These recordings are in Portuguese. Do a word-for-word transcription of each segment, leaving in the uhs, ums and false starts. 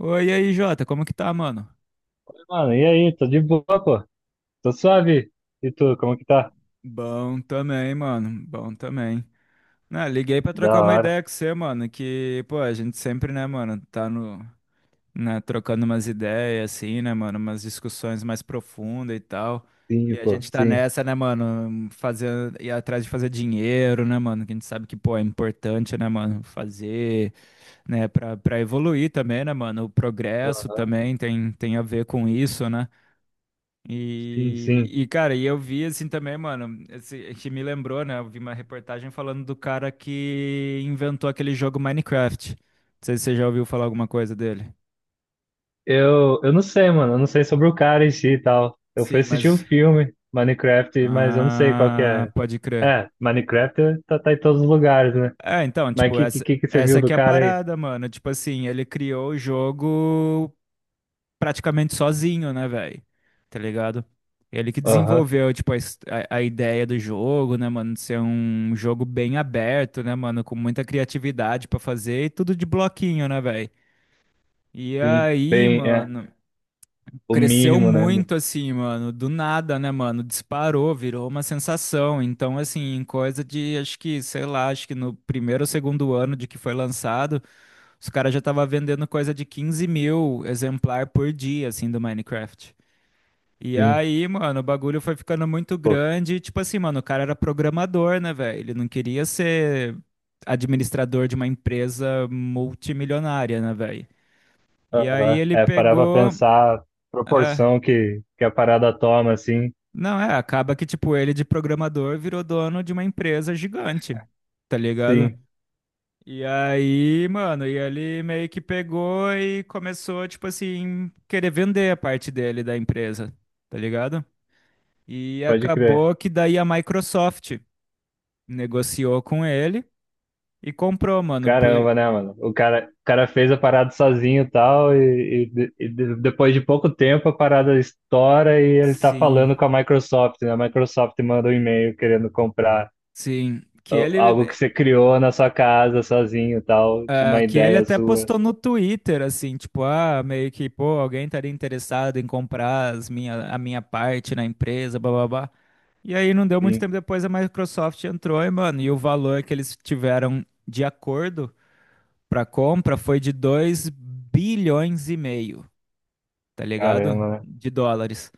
Oi, e aí, Jota, como que tá, mano? Mano, e aí? Tô de boa, pô. Tô suave. E tu, como que tá? Bom também, mano. Bom também. Né, liguei pra Da trocar uma hora. ideia com você, mano, que, pô, a gente sempre, né, mano, tá no, né, trocando umas ideias, assim, né, mano, umas discussões mais profundas e tal. Sim, E a pô. gente tá Sim. nessa, né, mano, fazer, ir atrás de fazer dinheiro, né, mano, que a gente sabe que, pô, é importante, né, mano, fazer, né, pra, pra evoluir também, né, mano, o progresso Ó, também tem, tem a ver com isso, né? sim, E, sim. E, cara, e eu vi assim também, mano, esse, que me lembrou, né? Eu vi uma reportagem falando do cara que inventou aquele jogo Minecraft. Não sei se você já ouviu falar alguma coisa dele. Eu, eu não sei, mano. Eu não sei sobre o cara em si e tal. Eu fui Sim, assistir um mas. filme, Minecraft, mas eu não sei qual que Ah, é. pode crer. É, Minecraft tá, tá em todos os lugares, né? É, então, Mas tipo, que, que, essa, que que você essa viu do aqui é a cara aí? parada, mano. Tipo assim, ele criou o jogo praticamente sozinho, né, velho? Tá ligado? Ele que Aham, desenvolveu, tipo, a, his- a- a ideia do jogo, né, mano, de ser um jogo bem aberto, né, mano? Com muita criatividade pra fazer e tudo de bloquinho, né, velho? E sim. aí, Bem, é. mano, O cresceu mínimo, né? do- muito, assim, mano, do nada, né, mano? Disparou, virou uma sensação. Então, assim, em coisa de, acho que, sei lá, acho que no primeiro ou segundo ano de que foi lançado, os caras já estavam vendendo coisa de quinze mil exemplar por dia, assim, do Minecraft. E Sim, aí, mano, o bagulho foi ficando muito pô. grande. E, tipo assim, mano, o cara era programador, né, velho? Ele não queria ser administrador de uma empresa multimilionária, né, velho? E aí Aham. ele É, parar pra pegou. pensar a É, proporção que, que a parada toma, assim. não, é, acaba que, tipo, ele de programador virou dono de uma empresa gigante, tá ligado? Sim, E aí, mano, e ele meio que pegou e começou, tipo assim, querer vender a parte dele da empresa, tá ligado? E pode crer. acabou que daí a Microsoft negociou com ele e comprou, mano, por Caramba, né, mano? O cara, o cara fez a parada sozinho e tal, e, e de- e de- depois de pouco tempo a parada estoura e ele tá falando sim, com a Microsoft, né? A Microsoft manda um e-mail querendo comprar sim, que o- ele algo que você criou na sua casa sozinho e tal, ah, uma que ele ideia até sua. postou no Twitter assim, tipo, ah, meio que, pô, alguém estaria interessado em comprar as minha, a minha parte na empresa, blá blá blá. E aí não deu muito Sim, tempo depois a Microsoft entrou e, mano, e o valor que eles tiveram de acordo pra compra foi de dois bilhões e meio, tá ligado? caramba, né? De dólares.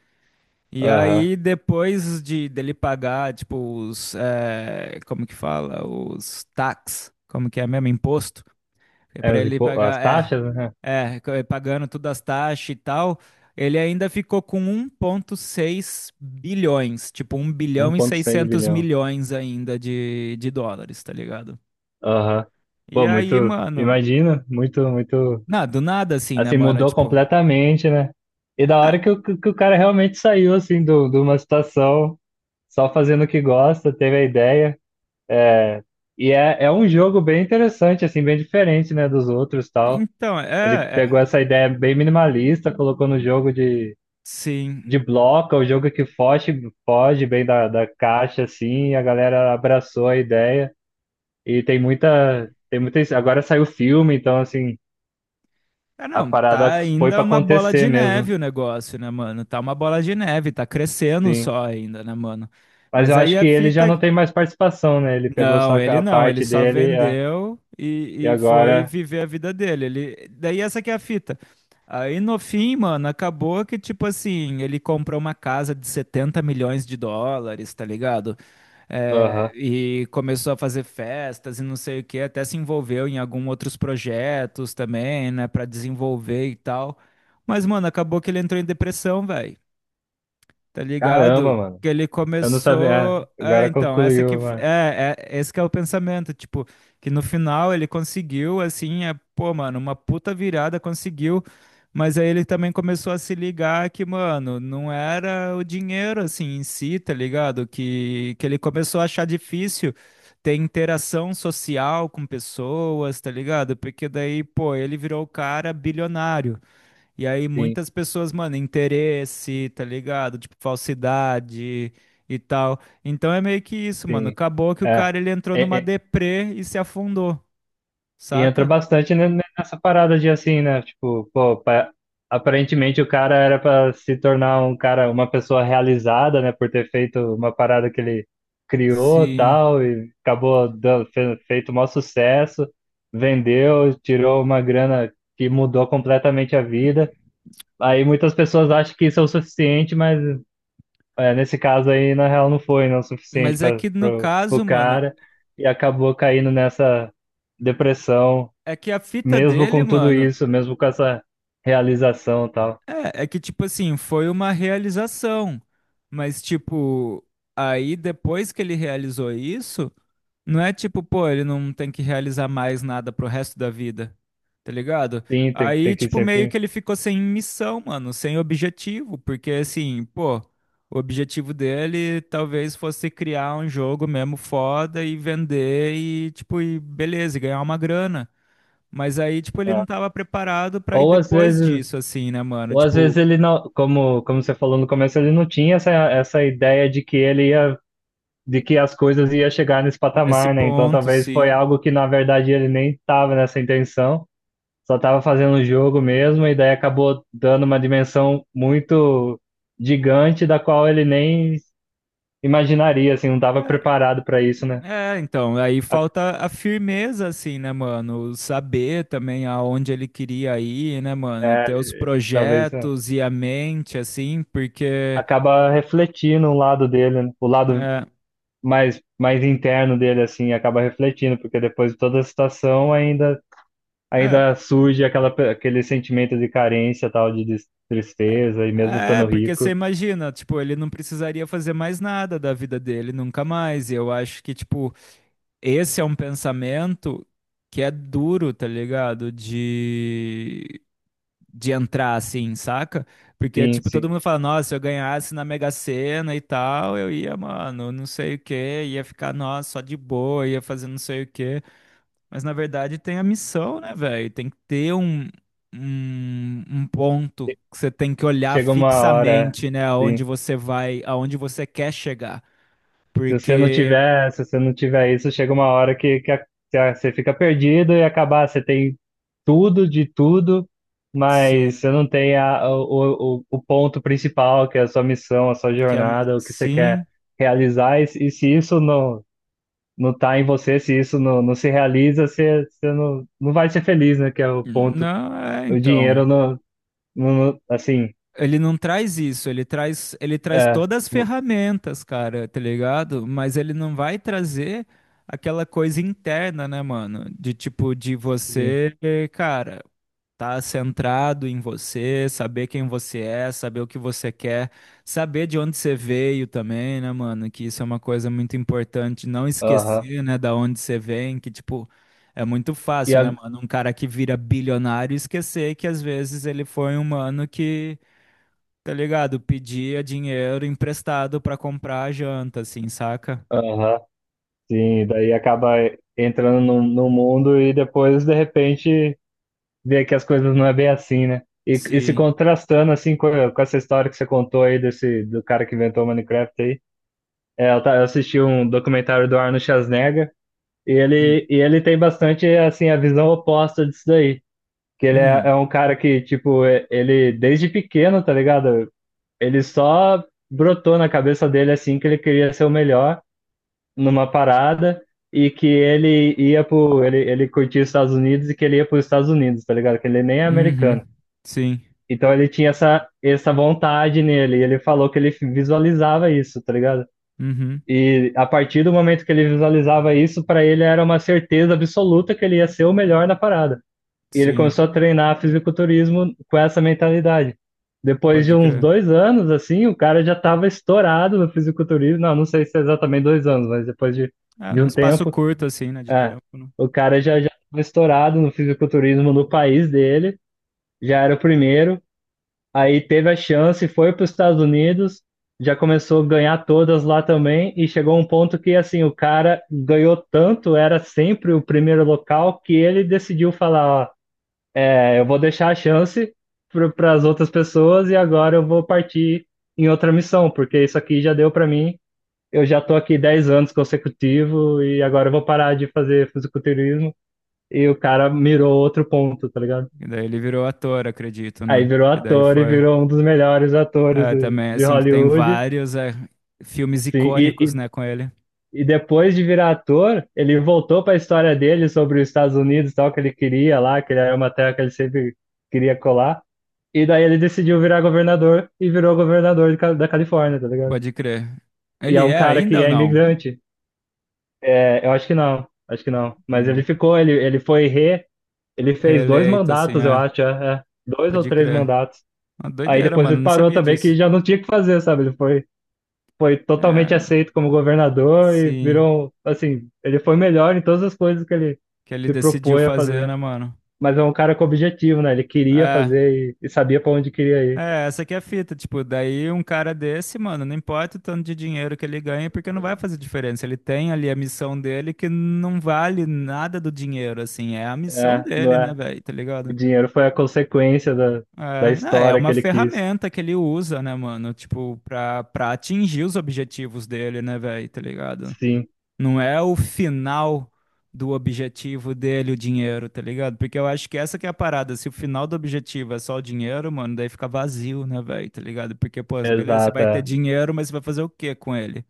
E Aham. aí, depois de dele pagar, tipo, os. eh, como que fala? Os tax. Como que é mesmo? Imposto. É É, pra os ele impo- as pagar. É. taxas, né? É, co- eh, pagando todas as taxas e tal. Ele ainda ficou com um vírgula seis bilhões. Tipo, um Um bilhão e 1,6 seiscentos bilhão. milhões ainda de, de dólares, tá ligado? Aham. E Pô, aí, muito. mano. Imagina, muito, muito. Não, do nada assim, né, Assim, mano? mudou Tipo. completamente, né? E da ah, hora que o, que o cara realmente saiu, assim, do, de uma situação, só fazendo o que gosta, teve a ideia. É, e é, é um jogo bem interessante, assim, bem diferente, né, dos outros e tal. então, Ele pegou é. é essa ideia bem minimalista, colocou no jogo de, sim. de bloco, é o jogo que foge, foge bem da, da caixa, assim, e a galera abraçou a ideia. E tem muita, tem muita. Agora saiu o filme, então, assim, É a não, tá parada foi ainda pra uma bola acontecer de neve mesmo. o negócio, né, mano? Tá uma bola de neve, tá crescendo Sim. só ainda, né, mano? Mas Mas eu aí acho que a ele já fita. não tem mais participação, né? Ele pegou só Não, ele a não, ele parte só dele é, vendeu e e, e foi agora. viver a vida dele. Ele... Daí essa que é a fita. Aí no fim, mano, acabou que, tipo assim, ele comprou uma casa de setenta milhões de dólares, tá ligado? É, Aham. e começou a fazer festas e não sei o que, até se envolveu em alguns outros projetos também, né, pra desenvolver e tal. Mas, mano, acabou que ele entrou em depressão, velho. Tá Caramba, ligado? mano. Que ele Eu não sabia. começou. É, É, agora então, essa que. concluiu, mano. É, é, esse que é o pensamento. Tipo, que no final ele conseguiu, assim, é, pô, mano, uma puta virada conseguiu. Mas aí ele também começou a se ligar que, mano, não era o dinheiro, assim, em si, tá ligado? Que, que ele começou a achar difícil ter interação social com pessoas, tá ligado? Porque daí, pô, ele virou o cara bilionário. E aí Sim, muitas pessoas, mano, interesse, tá ligado? Tipo, falsidade e tal. Então é meio que isso, mano. sim. Acabou que o É. cara ele entrou É, numa é, deprê e se afundou, e entra saca? bastante ne- ne- nessa parada de assim, né? Tipo, pô, pa- aparentemente o cara era para se tornar um cara, uma pessoa realizada, né? Por ter feito uma parada que ele criou, Sim. tal, e acabou dando, fe- feito o maior sucesso, vendeu, tirou uma grana que mudou completamente a vida. Aí muitas pessoas acham que isso é o suficiente, mas é, nesse caso aí, na real, não foi, não é o suficiente Mas é para que no o caso, mano, cara e acabou caindo nessa depressão é que a fita mesmo dele, com tudo mano. isso, mesmo com essa realização e tal. É, é que, tipo assim, foi uma realização. Mas, tipo, aí depois que ele realizou isso, não é tipo, pô, ele não tem que realizar mais nada pro resto da vida. Tá ligado? Sim, tem, Aí, tem que tipo, meio sempre. que ele ficou sem missão, mano, sem objetivo. Porque, assim, pô, o objetivo dele talvez fosse criar um jogo mesmo foda e vender e, tipo, e beleza, e ganhar uma grana. Mas aí, tipo, ele não É. tava preparado pra ir Ou às depois vezes, disso, assim, né, mano? ou às Tipo, vezes ele não, como, como você falou no começo, ele não tinha essa, essa ideia de que ele ia, de que as coisas ia chegar nesse nesse patamar, né? Então ponto, talvez sim. foi algo que na verdade ele nem estava nessa intenção, só estava fazendo o jogo mesmo, e daí acabou dando uma dimensão muito gigante da qual ele nem imaginaria, assim, não estava É, preparado para isso, né? é, então, aí A- falta a firmeza, assim, né, mano? Saber também aonde ele queria ir, né, mano? É, Ter os talvez. projetos e a mente, assim, porque. Acaba refletindo um lado dele, né? O lado É, mais, mais interno dele, assim, acaba refletindo, porque depois de toda a situação ainda, é, ainda surge aquela, pe- aquele sentimento de carência, tal, de des- tristeza, e mesmo é, estando Porque você rico, imagina, tipo, ele não precisaria fazer mais nada da vida dele, nunca mais. E eu acho que, tipo, esse é um pensamento que é duro, tá ligado? De, de entrar assim, saca? Porque, sim, tipo, todo sim. mundo fala, nossa, se eu ganhasse na Mega Sena e tal, eu ia, mano, não sei o quê, ia ficar, nossa, só de boa, ia fazer não sei o quê. Mas, na verdade, tem a missão, né, velho? Tem que ter um, um, um ponto que você tem que olhar Chega uma hora, fixamente, né, aonde sim. você vai, aonde você quer chegar. Se você não Porque, tiver, se você não tiver isso, chega uma hora que, que, a- que a- você fica perdido e acabar, você tem tudo de tudo, mas você sim, não tem a, o, o, o ponto principal, que é a sua missão, a sua que a, mi- jornada, o que você quer sim. realizar, e, se- e se isso não, não tá em você, se isso não, não se realiza, você, você não, não vai ser feliz, né? Que é o ponto. Não, é, O dinheiro então. não, não, não- assim, Ele não traz isso, ele traz, ele traz é, todas as ferramentas, cara, tá ligado? Mas ele não vai trazer aquela coisa interna, né, mano? De tipo, de sim, você, cara. Tá centrado em você, saber quem você é, saber o que você quer, saber de onde você veio também, né, mano? Que isso é uma coisa muito importante, não aham. esquecer, né, da onde você vem, que tipo, é muito E fácil, a, né, mano? Um cara que vira bilionário esquecer que às vezes ele foi um mano que, tá ligado, pedia dinheiro emprestado pra comprar a janta, assim, saca? aham. Sim, daí acaba entrando no, no mundo e depois, de repente, vê que as coisas não é bem assim, né? E, e se Sim. contrastando, assim, com, com essa história que você contou aí, desse, do cara que inventou o Minecraft aí, é, eu, ta- eu assisti um documentário do Arnold Schwarzenegger e Hum. ele, e ele tem bastante, assim, a visão oposta disso daí. Que ele é, Hum. é um cara que, tipo, é- ele, desde pequeno, tá ligado? Ele só brotou na cabeça dele, assim, que ele queria ser o melhor numa parada e que ele ia pro. Ele, ele curtia os Estados Unidos e que ele ia para os Estados Unidos, tá ligado? Que ele nem é Uhum. americano. Sim. Então ele tinha essa, essa vontade nele, e ele falou que ele visualizava isso, tá ligado? Uhum. E a partir do momento que ele visualizava isso, para ele era uma certeza absoluta que ele ia ser o melhor na parada. E ele Sim. começou a treinar fisiculturismo com essa mentalidade. Depois de Pode uns crer. dois anos, assim, o cara já estava estourado no fisiculturismo. Não, não sei se é exatamente dois anos, mas depois de, Ah, de num um espaço tempo, curto, assim, né, de é, tempo, né? o cara já já estava estourado no fisiculturismo no país dele, já era o primeiro, aí teve a chance, foi para os Estados Unidos, já começou a ganhar todas lá também, e chegou um ponto que assim, o cara ganhou tanto, era sempre o primeiro local, que ele decidiu falar, ó, é, eu vou deixar a chance para as outras pessoas e agora eu vou partir em outra missão, porque isso aqui já deu para mim, eu já tô aqui dez anos consecutivo e agora eu vou parar de fazer fisiculturismo e o cara mirou outro ponto, tá ligado? E daí ele virou ator, acredito, Aí né? virou Que daí ator e foi... virou um dos melhores atores É, de, também, de assim, que tem Hollywood. vários é, filmes Sim, icônicos, e, né, com ele. e, e depois de virar ator, ele voltou para a história dele sobre os Estados Unidos, e tal, que ele queria lá, que era uma terra que ele sempre queria colar. E daí ele decidiu virar governador e virou governador de Ca- da Califórnia, tá ligado? Pode crer. E é Ele um é cara ainda que ou é não? imigrante. É, eu acho que não, acho que não. Mas ele Hum, ficou, ele, ele foi re, ele fez dois reeleito, assim, mandatos, eu é. acho, é, é. Dois ou Pode três crer. mandatos. Uma Aí doideira, depois mano, ele não parou sabia também, que disso. já não tinha o que fazer, sabe? Ele foi, foi É, totalmente aceito como governador e sim, virou, um- assim, ele foi melhor em todas as coisas que ele que ele se decidiu propõe a fazer, né, fazer. mano? Mas é um cara com objetivo, né? Ele queria É, fazer e, e sabia para onde queria ir. é, essa aqui é a fita, tipo, daí um cara desse, mano, não importa o tanto de dinheiro que ele ganha, porque não vai fazer diferença. Ele tem ali a missão dele que não vale nada do dinheiro, assim, é a missão É, não dele, né, é? velho, tá O ligado? dinheiro foi a consequência da, da É, não, é história que uma ele quis. ferramenta que ele usa, né, mano, tipo, pra, pra atingir os objetivos dele, né, velho, tá ligado? Sim, Não é o final do objetivo dele, o dinheiro, tá ligado? Porque eu acho que essa que é a parada. Se o final do objetivo é só o dinheiro, mano, daí fica vazio, né, velho? Tá ligado? Porque, pô, beleza, você exato. vai ter É. dinheiro, mas você vai fazer o quê com ele?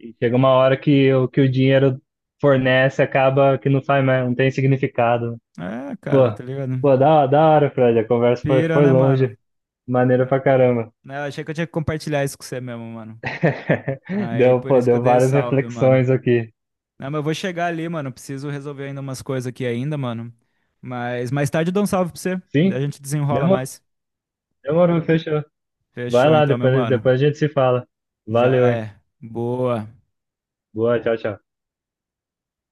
E chega uma hora que o que o dinheiro fornece acaba que não faz mais, não tem significado. É, Pô, cara, tá ligado? pô, da, da hora, Fred. A conversa foi, Pira, foi né, mano? longe. Maneira Né? pra caramba. Né, eu achei que eu tinha que compartilhar isso com você mesmo, mano. Aí, Deu, por pô, isso que eu deu dei o várias salve, mano. reflexões aqui. Não, mas eu vou chegar ali, mano. Preciso resolver ainda umas coisas aqui ainda, mano. Mas mais tarde eu dou um salve pra você. Daí Sim? a gente desenrola Demorou, mais. demorou, fechou. Vai Fechou lá, então, meu depois, mano. depois a gente se fala. Já Valeu, hein? é. Boa. Boa, tchau, tchau.